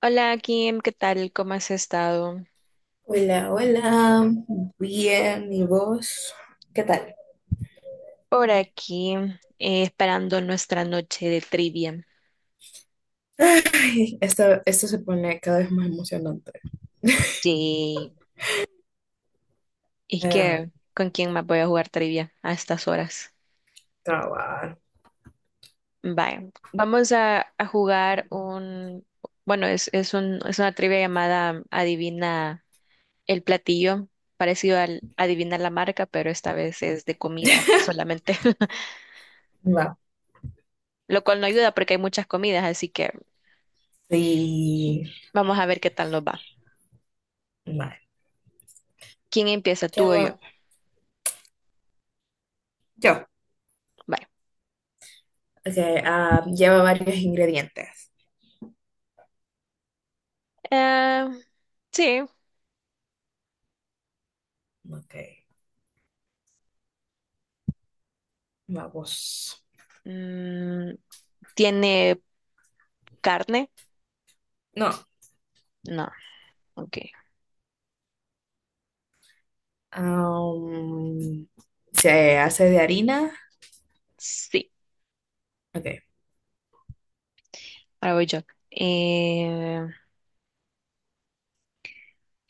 Hola Kim, ¿qué tal? ¿Cómo has estado? Hola, hola, bien, ¿y vos? ¿Qué tal? Por aquí, esperando nuestra noche de trivia. Ay, esto se pone cada vez más emocionante. Sí, es Eh, que ¿con quién más voy a jugar trivia a estas horas? cabal. Vaya, vamos a jugar un, bueno, es un, es una trivia llamada Adivina el platillo, parecido al Adivina la marca, pero esta vez es de comida solamente, Va. lo cual no ayuda porque hay muchas comidas, así que Sí. vamos a ver qué tal nos va. Vale. ¿Quién empieza, ¿Qué tú o yo? va? Yo. Vaya. Ok, lleva varios ingredientes. Eh, sí. Ok, vamos. Mm, ¿tiene carne? No. No, ok. Am, se hace de harina. Sí, Ok. ahora voy yo. Eh,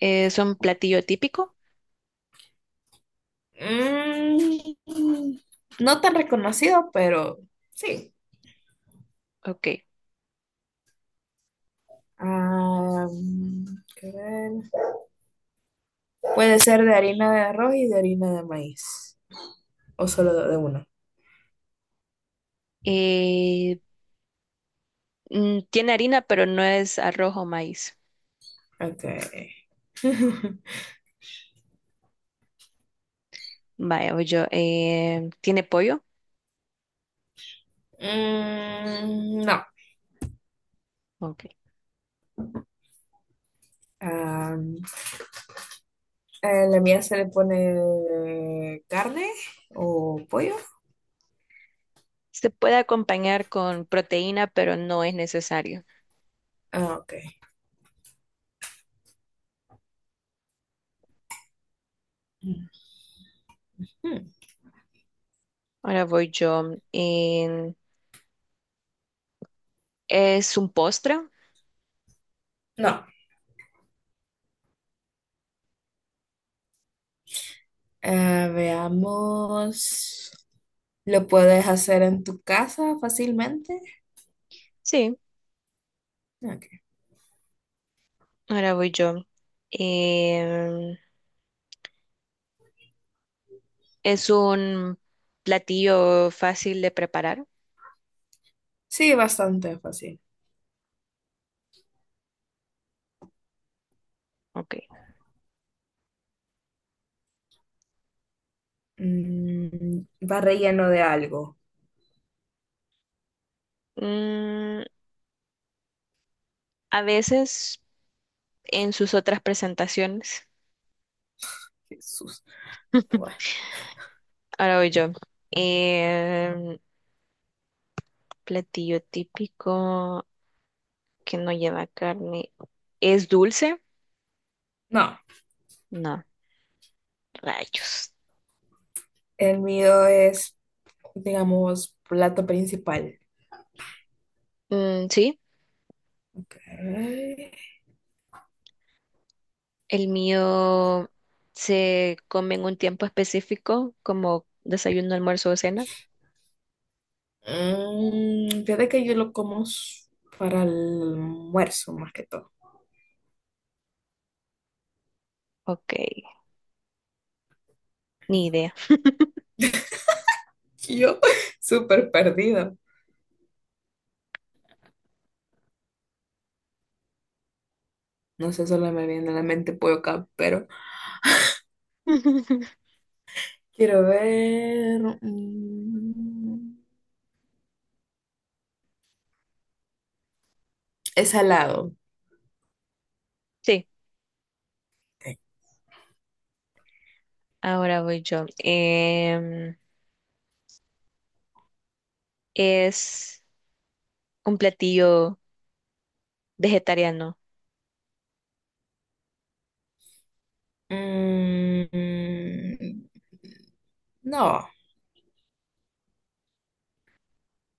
¿Es un platillo típico? Mm, no tan reconocido, pero sí. Ok. Ah, ¿qué ver? Puede ser de harina de arroz y de harina de maíz. O solo de uno. Eh, mm, tiene harina, pero no es arroz o maíz. Ok. Vaya, voy yo. ¿Tiene pollo? No. Ok. Ah, ¿a la mía se le pone carne o pollo. Se puede acompañar con proteína, pero no es necesario. Ah, ok. Mm, Ahora voy yo. ¿Es un postre? No. Ah, veamos. ¿Lo puedes hacer en tu casa fácilmente? Sí, Ok. ahora voy yo. Eh, Es un platillo fácil de preparar. Sí, bastante fácil. Ok. Mm, va relleno de algo. Mm, a veces en sus otras presentaciones, Jesús. Bueno, ahora voy yo. Em, platillo típico que no lleva carne. ¿Es dulce? no, No, rayos. el mío es, digamos, plato principal. Mm, sí, Ok. el mío se come en un tiempo específico, como desayuno, almuerzo o cena. Fíjate que yo lo como para el almuerzo más que todo. Ok, ni idea. Yo, súper perdido. No sé, solo me viene a la mente pollo acá, pero quiero ver. Es salado. Sí, Ok. ahora voy yo. Es un platillo vegetariano. Mm, no,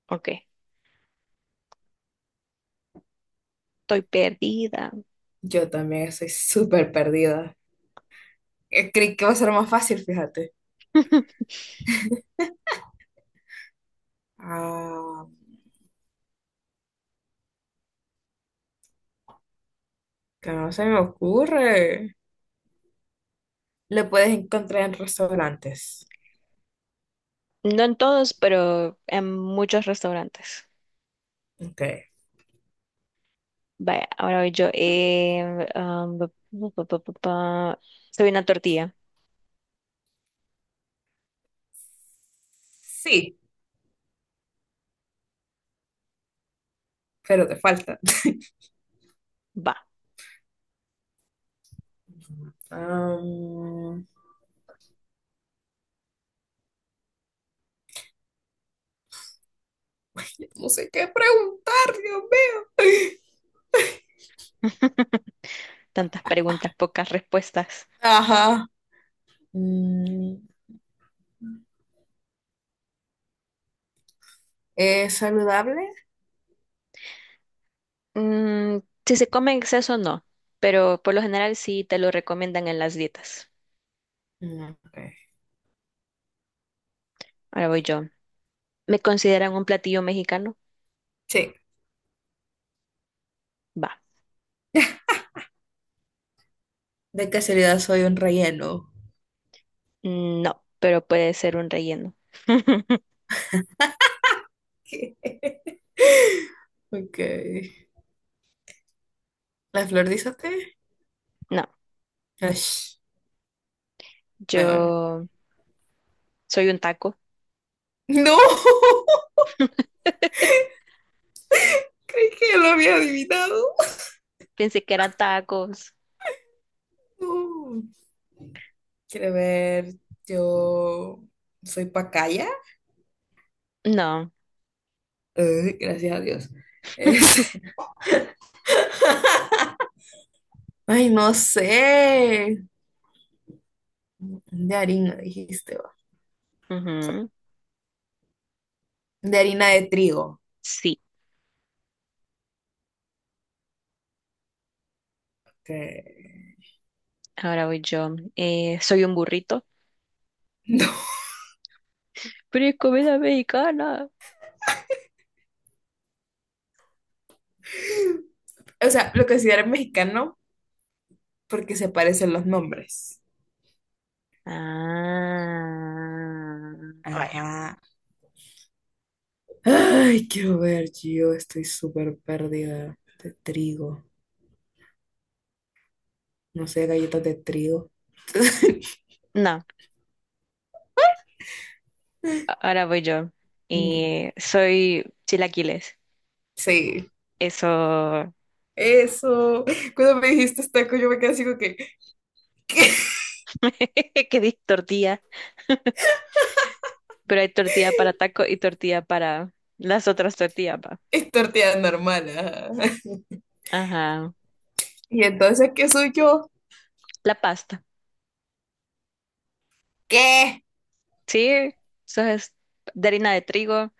Ok, estoy perdida. yo también estoy súper perdida. Creí que va a ser más fácil, fíjate. Ah, que no se me ocurre. Lo puedes encontrar en restaurantes. No en todos, pero en muchos restaurantes. Ok, Vaya, ahora voy yo. Um, bu- bu- bu- bu- bu- bu- Soy una tortilla. sí, pero te falta. Va. Am, No sé qué preguntar, Dios mío. Tantas preguntas, pocas respuestas. Ajá. Mm, ¿es saludable? Mm, si se come en exceso, no, pero por lo general sí te lo recomiendan en las dietas. Mm, ok. Ahora voy yo. ¿Me consideran un platillo mexicano? Sí. Va. De casualidad soy un relleno. Mm, no, pero puede ser un relleno. ¿Qué? Ok. ¿La flor dice té? No. Ash, no, bueno. Yo soy un taco. No, creí que lo había adivinado. Pensé que eran tacos. Uh, quiero ver, yo soy pacaya. No. Ay, gracias a Dios. Es- ay, no sé. De harina, dijiste, va. Ujú. De harina de trigo. Sí, Que- ahora voy yo. Soy un burrito. No. Pero es comida mexicana. O sea, lo considero mexicano porque se parecen los nombres. Ah, vaya. Ajá. Ay, quiero ver, yo estoy súper perdida de trigo. No sé, galletas de trigo. No, ahora voy yo. Mm, Soy chilaquiles. sí, Eso, eso. Cuando me dijiste taco, yo me quedé así como que, ¿qué? que dije tortilla, pero hay tortilla para taco y tortilla para las otras tortillas, va. Es tortilla normal. Ajá. Ajá. ¿Y entonces qué soy yo? La pasta. ¿Qué? Sí, eso es de harina de trigo.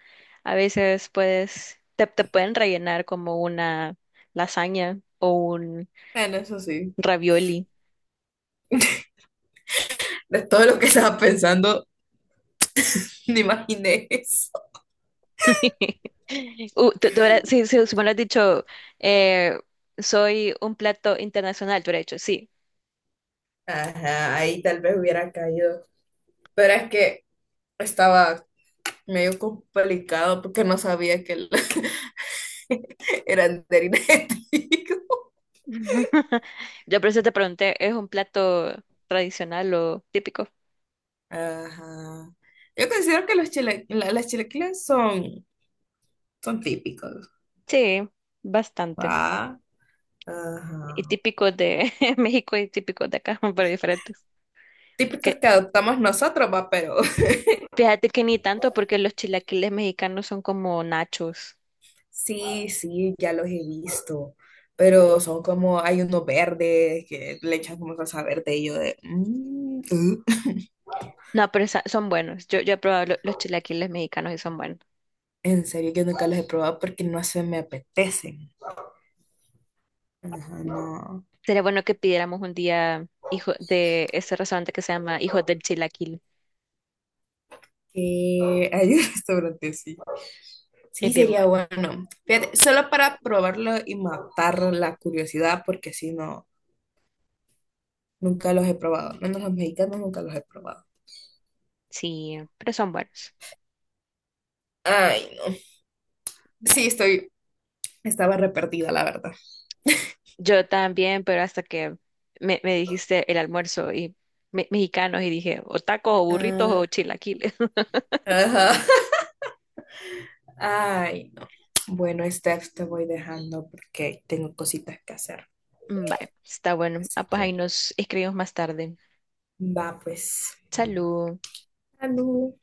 A veces puedes, te pueden rellenar como una lasaña o un Bueno, eso sí. ravioli. De todo lo que estaba pensando, ni imaginé eso. Si, si, si me lo has dicho, eh, soy un plato internacional, tú hubieras dicho, sí. Ajá, ahí tal vez hubiera caído. Pero es que estaba medio complicado porque no sabía que eran de harina de trigo. Yo por eso te pregunté, ¿es un plato tradicional o típico? Ajá. Yo considero que los las chilaquiles son típicos. Sí, bastante. ¿Va? Y Ajá. típico de México y típico de acá, pero diferentes. Típicos Porque que adoptamos nosotros, va, pero fíjate que ni tanto, porque los chilaquiles mexicanos son como nachos. sí, sí, ya los he visto, pero son como, hay unos verdes que le echan como salsa verde y yo de, "Mm". No, pero son buenos. Yo he probado los chilaquiles mexicanos y son buenos. En serio que nunca los he probado porque no se me apetecen. Ajá, no. Sería bueno que pidiéramos un día hijo de ese restaurante que se llama Hijos del Chilaquil. Que hay un restaurante, sí. Sí, Es bien sería bueno. bueno. Fíjate, solo para probarlo y matar la curiosidad porque si no, nunca los he probado. Menos los mexicanos nunca los he probado. Sí, pero son buenos. Ay, no. Sí, Vaya. estoy, estaba re perdida, la verdad. Yo también, pero hasta que me dijiste el almuerzo y mexicanos y dije o tacos o burritos o Ah, chilaquiles. ajá. Ay, no. Bueno, Steph, te voy dejando porque tengo cositas que hacer. Vaya, está bueno. Ah, Así pues ahí que nos escribimos más tarde. va, pues. Salud. Salud.